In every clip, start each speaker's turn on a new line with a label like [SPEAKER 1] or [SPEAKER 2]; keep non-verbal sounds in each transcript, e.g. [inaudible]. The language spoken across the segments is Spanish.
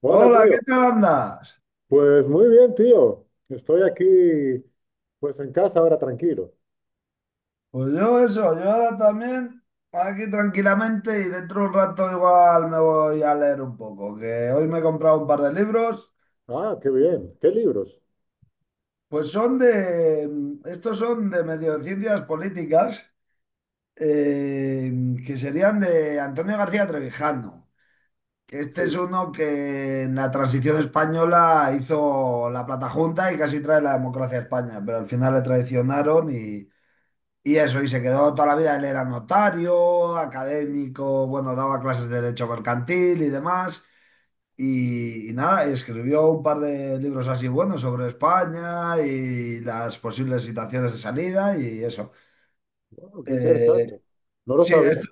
[SPEAKER 1] Hola,
[SPEAKER 2] Hola,
[SPEAKER 1] tío.
[SPEAKER 2] ¿qué tal andas?
[SPEAKER 1] Pues muy bien, tío. Estoy aquí, pues en casa ahora tranquilo.
[SPEAKER 2] Pues yo ahora también aquí tranquilamente y dentro de un rato igual me voy a leer un poco, que hoy me he comprado un par de libros,
[SPEAKER 1] Ah, qué bien. ¿Qué libros?
[SPEAKER 2] pues son de, estos son de medio de ciencias políticas, eh, que serían de Antonio García Trevijano. Que Este es
[SPEAKER 1] Sí.
[SPEAKER 2] uno que en la transición española hizo la Plata Junta y casi trae la democracia a España, pero al final le traicionaron y... Y eso, y se quedó toda la vida, él era notario, académico, bueno, daba clases de derecho mercantil y demás. Y nada, y escribió un par de libros así buenos sobre España y las posibles situaciones de salida y eso.
[SPEAKER 1] Wow, qué interesante.
[SPEAKER 2] Eh,
[SPEAKER 1] No lo
[SPEAKER 2] sí,
[SPEAKER 1] sabía. [laughs]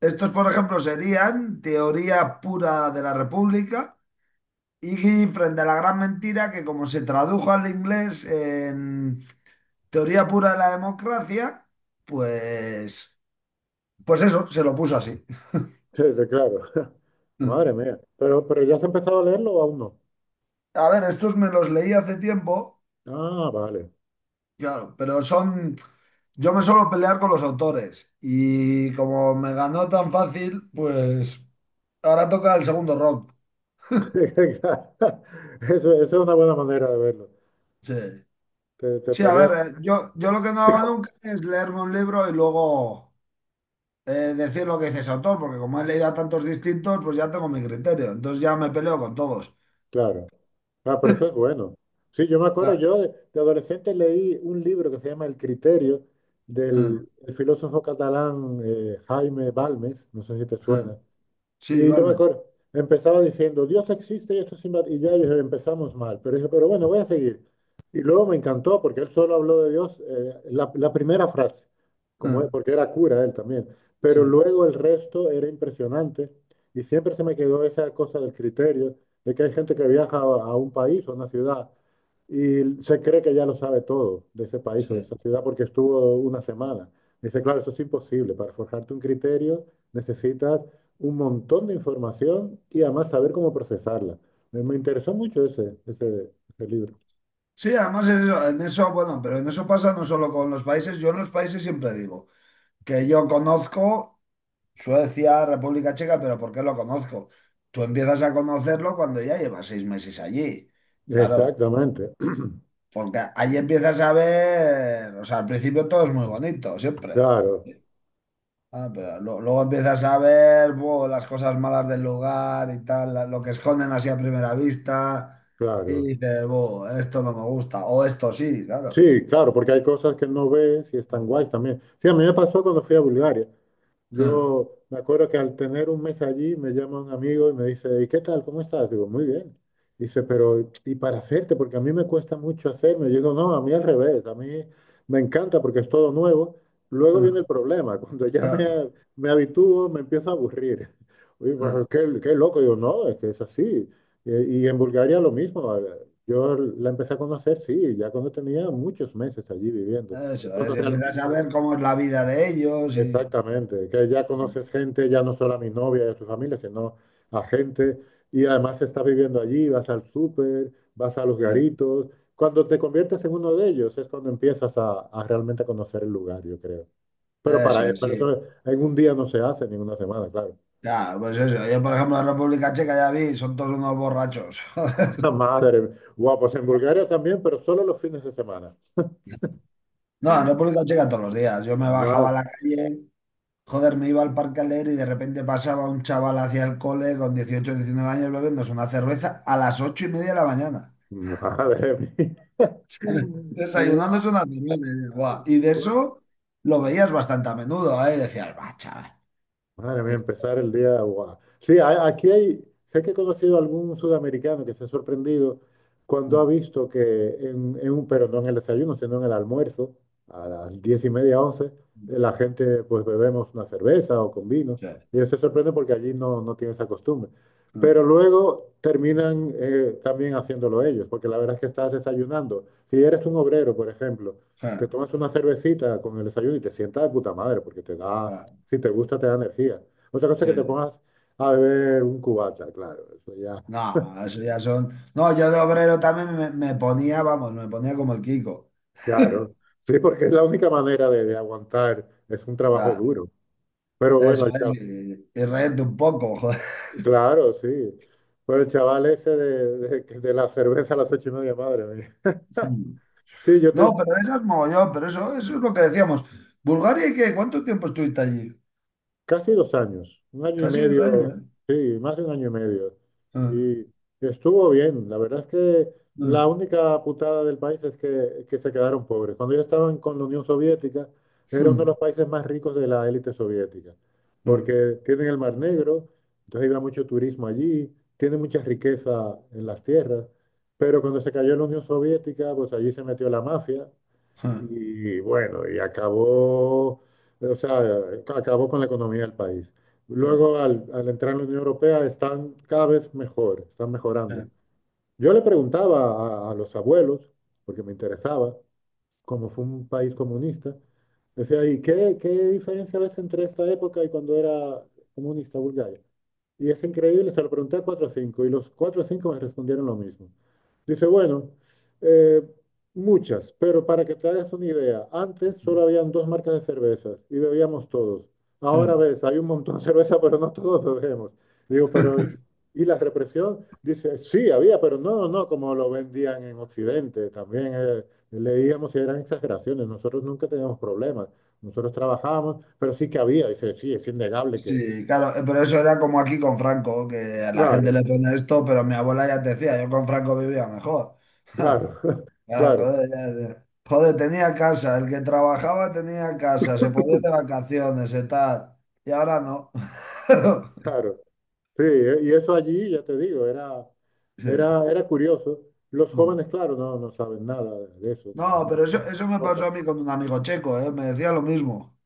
[SPEAKER 2] estos, por ejemplo, serían Teoría pura de la República y Frente a la gran mentira, que como se tradujo al inglés en Teoría pura de la democracia, pues, pues eso, se lo puso así.
[SPEAKER 1] Sí, claro. [laughs]
[SPEAKER 2] Mm.
[SPEAKER 1] Madre mía. Pero ¿ya has empezado a leerlo o aún no?
[SPEAKER 2] A ver, estos me los leí hace tiempo,
[SPEAKER 1] Ah, vale.
[SPEAKER 2] claro, pero son... Yo me suelo pelear con los autores y como me ganó tan fácil, pues ahora toca el segundo round.
[SPEAKER 1] [laughs] Eso es una buena manera de verlo.
[SPEAKER 2] Sí.
[SPEAKER 1] Te
[SPEAKER 2] Sí, a
[SPEAKER 1] peleas.
[SPEAKER 2] ver, yo lo que no hago nunca es leerme un libro y luego decir lo que dice ese autor, porque como he leído a tantos distintos, pues ya tengo mi criterio. Entonces ya me peleo con todos.
[SPEAKER 1] Claro. Ah, pero eso es bueno. Sí, yo me acuerdo,
[SPEAKER 2] Ah,
[SPEAKER 1] yo de adolescente leí un libro que se llama El criterio del
[SPEAKER 2] mm,
[SPEAKER 1] el filósofo catalán, Jaime Balmes, no sé si te suena,
[SPEAKER 2] mm. Sí,
[SPEAKER 1] y yo me
[SPEAKER 2] Balmes.
[SPEAKER 1] acuerdo, empezaba diciendo, "Dios existe y esto es inva-". Y ya empezamos mal, pero dije, pero bueno, voy a seguir. Y luego me encantó porque él solo habló de Dios, la primera frase, como,
[SPEAKER 2] Mm,
[SPEAKER 1] porque era cura él también, pero
[SPEAKER 2] sí,
[SPEAKER 1] luego el resto era impresionante y siempre se me quedó esa cosa del criterio de que hay gente que viaja a un país o una ciudad y se cree que ya lo sabe todo de ese país o de esa
[SPEAKER 2] sí.
[SPEAKER 1] ciudad porque estuvo una semana. Dice, claro, eso es imposible. Para forjarte un criterio necesitas un montón de información y además saber cómo procesarla. Me interesó mucho ese libro.
[SPEAKER 2] Sí, además es eso, en eso, bueno, pero en eso pasa no solo con los países, yo en los países siempre digo que yo conozco Suecia, República Checa, pero ¿por qué lo conozco? Tú empiezas a conocerlo cuando ya llevas 6 meses allí, claro,
[SPEAKER 1] Exactamente.
[SPEAKER 2] porque ahí empiezas a ver, o sea, al principio todo es muy bonito,
[SPEAKER 1] [clears throat]
[SPEAKER 2] siempre.
[SPEAKER 1] Claro,
[SPEAKER 2] Ah, pero luego empiezas a ver buh, las cosas malas del lugar y tal, lo que esconden así a primera vista, y
[SPEAKER 1] claro.
[SPEAKER 2] dices, buh, esto no me gusta, o esto sí, claro.
[SPEAKER 1] Sí, claro, porque hay cosas que no ves y están guays también. Sí, a mí me pasó cuando fui a Bulgaria.
[SPEAKER 2] Ah,
[SPEAKER 1] Yo me acuerdo que al tener un mes allí me llama un amigo y me dice, ¿y qué tal? ¿Cómo estás? Digo, muy bien. Dice, pero ¿y para hacerte? Porque a mí me cuesta mucho hacerme. Yo digo, no, a mí al revés, a mí me encanta porque es todo nuevo. Luego viene
[SPEAKER 2] ah,
[SPEAKER 1] el problema, [laughs] cuando ya
[SPEAKER 2] claro.
[SPEAKER 1] me habitúo me empiezo a aburrir. [laughs] Y bueno,
[SPEAKER 2] Ah.
[SPEAKER 1] qué loco, digo, no, es que es así. Y, en Bulgaria lo mismo. Yo la empecé a conocer, sí, ya cuando tenía muchos meses allí viviendo. Es
[SPEAKER 2] Eso
[SPEAKER 1] cuando
[SPEAKER 2] es, empiezas a
[SPEAKER 1] realmente...
[SPEAKER 2] ver cómo es la vida de ellos y...
[SPEAKER 1] Exactamente, que ya conoces gente, ya no solo a mi novia y a su familia, sino a gente, y además estás viviendo allí, vas al súper, vas a los
[SPEAKER 2] Ah,
[SPEAKER 1] garitos. Cuando te conviertes en uno de ellos es cuando empiezas a realmente conocer el lugar, yo creo. Pero
[SPEAKER 2] ah, eso
[SPEAKER 1] para,
[SPEAKER 2] es,
[SPEAKER 1] para
[SPEAKER 2] sí.
[SPEAKER 1] eso en un día no se hace, ni en una semana, claro.
[SPEAKER 2] Claro, pues eso. Yo, por ejemplo, en República Checa ya vi, son todos unos borrachos. [laughs] Joder.
[SPEAKER 1] [laughs] Madre, guau, pues en Bulgaria también, pero solo los fines de semana.
[SPEAKER 2] No, en República Checa todos los días. Yo me bajaba
[SPEAKER 1] Ma-
[SPEAKER 2] a la calle, joder, me iba al parque a leer y de repente pasaba un chaval hacia el cole con 18 19 años bebiéndose una cerveza a las 8:30 de la mañana.
[SPEAKER 1] Madre mía.
[SPEAKER 2] ¿Sabes?
[SPEAKER 1] [laughs] Guau,
[SPEAKER 2] Desayunándose una cerveza. Y dices, "Buah". Y de
[SPEAKER 1] guau.
[SPEAKER 2] eso lo veías bastante a menudo, ¿eh? Y decías, va, chaval.
[SPEAKER 1] Madre mía, empezar el día. Guau. Sí, aquí hay. Sé que he conocido a algún sudamericano que se ha sorprendido cuando ha
[SPEAKER 2] Mm,
[SPEAKER 1] visto que pero no en el desayuno, sino en el almuerzo, a las 10:30, 11, la gente pues bebemos una cerveza o con vino.
[SPEAKER 2] sí,
[SPEAKER 1] Y ellos se sorprende porque allí no, no tiene esa costumbre.
[SPEAKER 2] mm,
[SPEAKER 1] Pero luego terminan, también haciéndolo ellos, porque la verdad es que estás desayunando. Si eres un obrero, por ejemplo,
[SPEAKER 2] sí,
[SPEAKER 1] te tomas una cervecita con el desayuno y te sientas de puta madre, porque te da,
[SPEAKER 2] claro,
[SPEAKER 1] si te gusta, te da energía. Otra cosa es
[SPEAKER 2] sí,
[SPEAKER 1] que te
[SPEAKER 2] sí.
[SPEAKER 1] pongas a beber un cubata, claro, eso ya,
[SPEAKER 2] No, eso ya son. No, yo de obrero también me ponía, vamos, me ponía como el Kiko.
[SPEAKER 1] claro. Sí, porque es la única manera de aguantar, es un trabajo
[SPEAKER 2] Ya,
[SPEAKER 1] duro. Pero bueno,
[SPEAKER 2] eso
[SPEAKER 1] el
[SPEAKER 2] es,
[SPEAKER 1] chaval,
[SPEAKER 2] y reírte un poco, [laughs] joder.
[SPEAKER 1] claro, sí. Pero el chaval ese de la cerveza a las 8:30, madre mía.
[SPEAKER 2] Mm.
[SPEAKER 1] Sí,
[SPEAKER 2] No, pero eso es mogollón, pero eso es lo que decíamos. ¿Bulgaria y qué? ¿Cuánto tiempo estuviste allí?
[SPEAKER 1] casi 2 años, un año y
[SPEAKER 2] Casi 2 años,
[SPEAKER 1] medio,
[SPEAKER 2] ¿eh?
[SPEAKER 1] sí, más de un año y medio.
[SPEAKER 2] Mm,
[SPEAKER 1] Y estuvo bien. La verdad es que
[SPEAKER 2] mm,
[SPEAKER 1] la única putada del país es que se quedaron pobres. Cuando ellos estaban con la Unión Soviética, era uno de
[SPEAKER 2] mm,
[SPEAKER 1] los países más ricos de la élite soviética,
[SPEAKER 2] mm,
[SPEAKER 1] porque tienen el Mar Negro, entonces iba mucho turismo allí, tiene mucha riqueza en las tierras, pero cuando se cayó la Unión Soviética, pues allí se metió la mafia
[SPEAKER 2] mm,
[SPEAKER 1] y bueno, y acabó, o sea, acabó con la economía del país.
[SPEAKER 2] mm, mm, mm,
[SPEAKER 1] Luego, al entrar en la Unión Europea, están cada vez mejor, están
[SPEAKER 2] mm,
[SPEAKER 1] mejorando.
[SPEAKER 2] mm,
[SPEAKER 1] Yo le preguntaba a los abuelos, porque me interesaba, como fue un país comunista, decía, ¿y qué diferencia ves entre esta época y cuando era comunista Bulgaria? Y es increíble, se lo pregunté a cuatro o cinco, y los cuatro o cinco me respondieron lo mismo. Dice, bueno, eh, muchas, pero para que te hagas una idea, antes solo habían dos marcas de cervezas y bebíamos todos. Ahora
[SPEAKER 2] mm.
[SPEAKER 1] ves, hay un montón de cerveza, pero no todos bebemos. Digo, pero ¿y la represión? Dice, sí, había, pero no, no, como lo vendían en Occidente. También, leíamos y eran exageraciones. Nosotros nunca teníamos problemas. Nosotros trabajábamos, pero sí que había. Dice, sí, es innegable que...
[SPEAKER 2] Sí, claro, pero eso era como aquí con Franco, que a la gente
[SPEAKER 1] Claro,
[SPEAKER 2] le pone esto, pero mi abuela ya te decía, yo con Franco vivía mejor. [laughs]
[SPEAKER 1] claro. [laughs]
[SPEAKER 2] Claro,
[SPEAKER 1] Claro,
[SPEAKER 2] joder, ya- ya. Joder, tenía casa, el que trabajaba tenía casa, se podía ir de vacaciones y tal, y ahora no. [laughs]
[SPEAKER 1] claro. Sí, y eso allí, ya te digo, era,
[SPEAKER 2] Sí.
[SPEAKER 1] era curioso. Los
[SPEAKER 2] Mm.
[SPEAKER 1] jóvenes, claro, no, no saben nada de eso, ni
[SPEAKER 2] No,
[SPEAKER 1] les
[SPEAKER 2] pero eso me
[SPEAKER 1] importa.
[SPEAKER 2] pasó a mí con un amigo checo, ¿eh? Me decía lo mismo,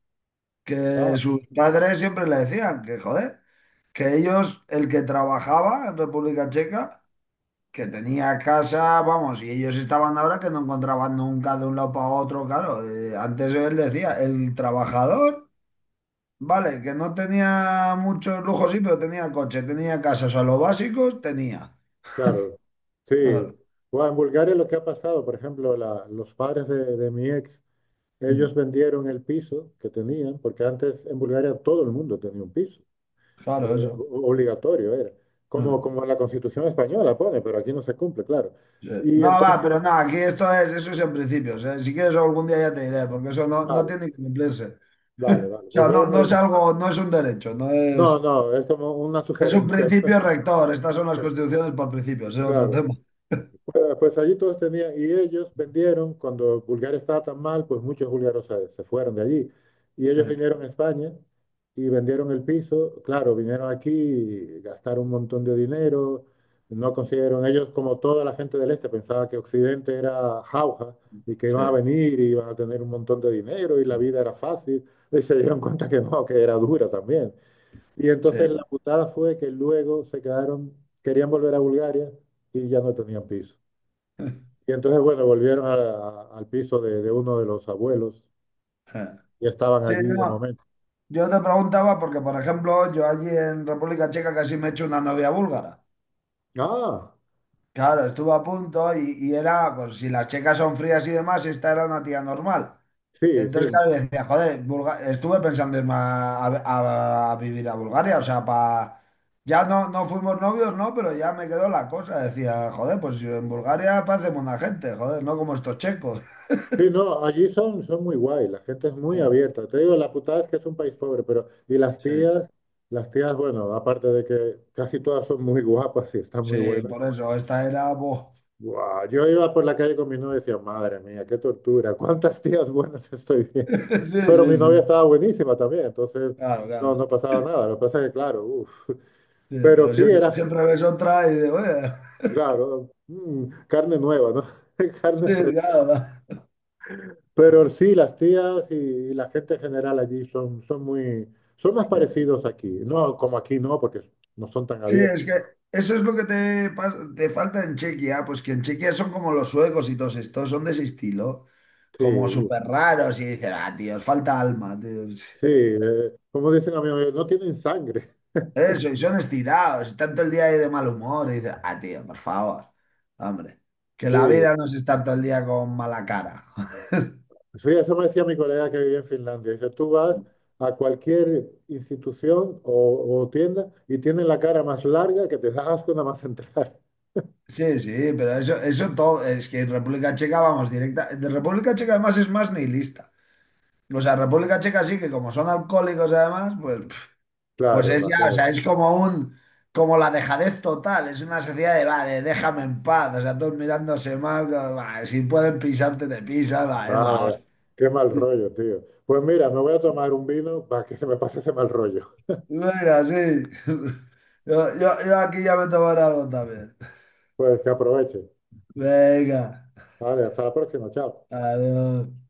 [SPEAKER 2] que
[SPEAKER 1] Ah,
[SPEAKER 2] sus padres siempre le decían que, joder, que ellos, el que trabajaba en República Checa, que tenía casa, vamos, y ellos estaban ahora que no encontraban nunca de un lado para otro, claro. Antes él decía, el trabajador, vale, que no tenía muchos lujos, sí, pero tenía coche, tenía casa, o sea, los básicos tenía.
[SPEAKER 1] claro, sí.
[SPEAKER 2] Claro,
[SPEAKER 1] Bueno, en Bulgaria lo que ha pasado, por ejemplo, los padres de mi ex, ellos
[SPEAKER 2] mm,
[SPEAKER 1] vendieron el piso que tenían, porque antes en Bulgaria todo el mundo tenía un piso,
[SPEAKER 2] claro, eso.
[SPEAKER 1] obligatorio era, como,
[SPEAKER 2] Mm,
[SPEAKER 1] como la Constitución española pone, pero aquí no se cumple, claro.
[SPEAKER 2] sí.
[SPEAKER 1] Y
[SPEAKER 2] No, va,
[SPEAKER 1] entonces,
[SPEAKER 2] pero no, aquí esto es, eso es en principio. O sea, si quieres algún día ya te diré, porque eso no, no
[SPEAKER 1] vale,
[SPEAKER 2] tiene que cumplirse.
[SPEAKER 1] vale,
[SPEAKER 2] [laughs]
[SPEAKER 1] vale.
[SPEAKER 2] O
[SPEAKER 1] Pues
[SPEAKER 2] sea,
[SPEAKER 1] luego
[SPEAKER 2] no, no es algo, no es un derecho, no
[SPEAKER 1] no,
[SPEAKER 2] es,
[SPEAKER 1] no, es como una [laughs]
[SPEAKER 2] es un
[SPEAKER 1] sugerencia.
[SPEAKER 2] principio rector. Estas son las constituciones por principios, es otro
[SPEAKER 1] Claro,
[SPEAKER 2] tema.
[SPEAKER 1] pues allí todos tenían, y ellos vendieron, cuando Bulgaria estaba tan mal, pues muchos búlgaros se fueron de allí. Y ellos
[SPEAKER 2] Sí.
[SPEAKER 1] vinieron a España y vendieron el piso. Claro, vinieron aquí, y gastaron un montón de dinero, no consiguieron, ellos como toda la gente del este pensaba que Occidente era jauja y que
[SPEAKER 2] Sí,
[SPEAKER 1] iban a venir y iban a tener un montón de dinero y la vida era fácil. Y se dieron cuenta que no, que era dura también. Y entonces la
[SPEAKER 2] sí,
[SPEAKER 1] putada fue que luego se quedaron, querían volver a Bulgaria y ya no tenían piso. Y entonces, bueno, volvieron al piso de uno de los abuelos
[SPEAKER 2] sí.
[SPEAKER 1] y estaban
[SPEAKER 2] Sí,
[SPEAKER 1] allí de
[SPEAKER 2] no,
[SPEAKER 1] momento.
[SPEAKER 2] yo te preguntaba porque, por ejemplo, yo allí en República Checa casi me he hecho una novia búlgara.
[SPEAKER 1] Ah,
[SPEAKER 2] Claro, estuve a punto y era, pues si las checas son frías y demás, esta era una tía normal.
[SPEAKER 1] sí, sí.
[SPEAKER 2] Entonces, claro, decía, joder, Bulga- estuve pensando irme a, a vivir a Bulgaria, o sea, para... Ya no, no fuimos novios, no, pero ya me quedó la cosa. Decía, joder, pues yo en Bulgaria parecemos una gente, joder, no como estos checos.
[SPEAKER 1] Sí, no, allí son, muy guay, la gente es
[SPEAKER 2] Sí,
[SPEAKER 1] muy abierta. Te digo, la putada es que es un país pobre, pero... Y las
[SPEAKER 2] sí,
[SPEAKER 1] tías, las tías, bueno, aparte de que casi todas son muy guapas y están muy
[SPEAKER 2] sí,
[SPEAKER 1] buenas.
[SPEAKER 2] por eso, esta era... Buah.
[SPEAKER 1] Guau, yo iba por la calle con mi novia y decía, madre mía, qué tortura, ¿cuántas tías buenas estoy viendo?
[SPEAKER 2] [laughs] Sí,
[SPEAKER 1] Pero mi
[SPEAKER 2] sí, sí.
[SPEAKER 1] novia estaba buenísima también, entonces
[SPEAKER 2] Claro,
[SPEAKER 1] no,
[SPEAKER 2] claro.
[SPEAKER 1] no pasaba nada. Lo que pasa es que, claro, uf.
[SPEAKER 2] Sí,
[SPEAKER 1] Pero
[SPEAKER 2] pero
[SPEAKER 1] sí
[SPEAKER 2] siempre,
[SPEAKER 1] era,
[SPEAKER 2] siempre ves otra y digo, oye, [laughs]
[SPEAKER 1] claro, mm, carne nueva, ¿no? [laughs] Carne
[SPEAKER 2] sí,
[SPEAKER 1] fresca.
[SPEAKER 2] claro. Va.
[SPEAKER 1] Pero sí, las tías y la gente en general allí son más
[SPEAKER 2] Sí.
[SPEAKER 1] parecidos aquí. No, como aquí no, porque no son tan
[SPEAKER 2] Sí,
[SPEAKER 1] abiertos.
[SPEAKER 2] es que eso es lo que te, te falta en Chequia, pues que en Chequia son como los suecos y todos estos, son de ese estilo, como
[SPEAKER 1] Sí,
[SPEAKER 2] súper
[SPEAKER 1] uf.
[SPEAKER 2] raros y dicen, ah, tío, os falta alma, tío.
[SPEAKER 1] Sí, como dicen amigos, no tienen sangre.
[SPEAKER 2] Eso, y son estirados, y tanto el día ahí de mal humor, y dicen, ah, tío, por favor, hombre, que la
[SPEAKER 1] [laughs] Sí,
[SPEAKER 2] vida no es estar todo el día con mala cara. [laughs]
[SPEAKER 1] sí, eso me decía mi colega que vivía en Finlandia. Dice, tú vas a cualquier institución o tienda y tienen la cara más larga que te das asco nada más entrar. [laughs]
[SPEAKER 2] Sí, sí, pero eso, todo, es que en República Checa vamos directa. De República Checa además es más nihilista. O sea, República Checa sí que como son alcohólicos además, pues, pf, pues
[SPEAKER 1] Claro,
[SPEAKER 2] es ya, o
[SPEAKER 1] imagínate.
[SPEAKER 2] sea, es como un, como la dejadez total, es una sociedad de, va, de déjame en paz, o sea, todos mirándose mal, va, si pueden pisarte, te pisan, va, es la
[SPEAKER 1] Madre,
[SPEAKER 2] hostia.
[SPEAKER 1] qué mal rollo, tío. Pues mira, me voy a tomar un vino para que se me pase ese mal rollo.
[SPEAKER 2] Venga, sí. [laughs] Yo aquí ya me tomaré algo también.
[SPEAKER 1] Pues que aproveche.
[SPEAKER 2] Venga,
[SPEAKER 1] Vale, hasta la próxima. Chao.
[SPEAKER 2] adiós.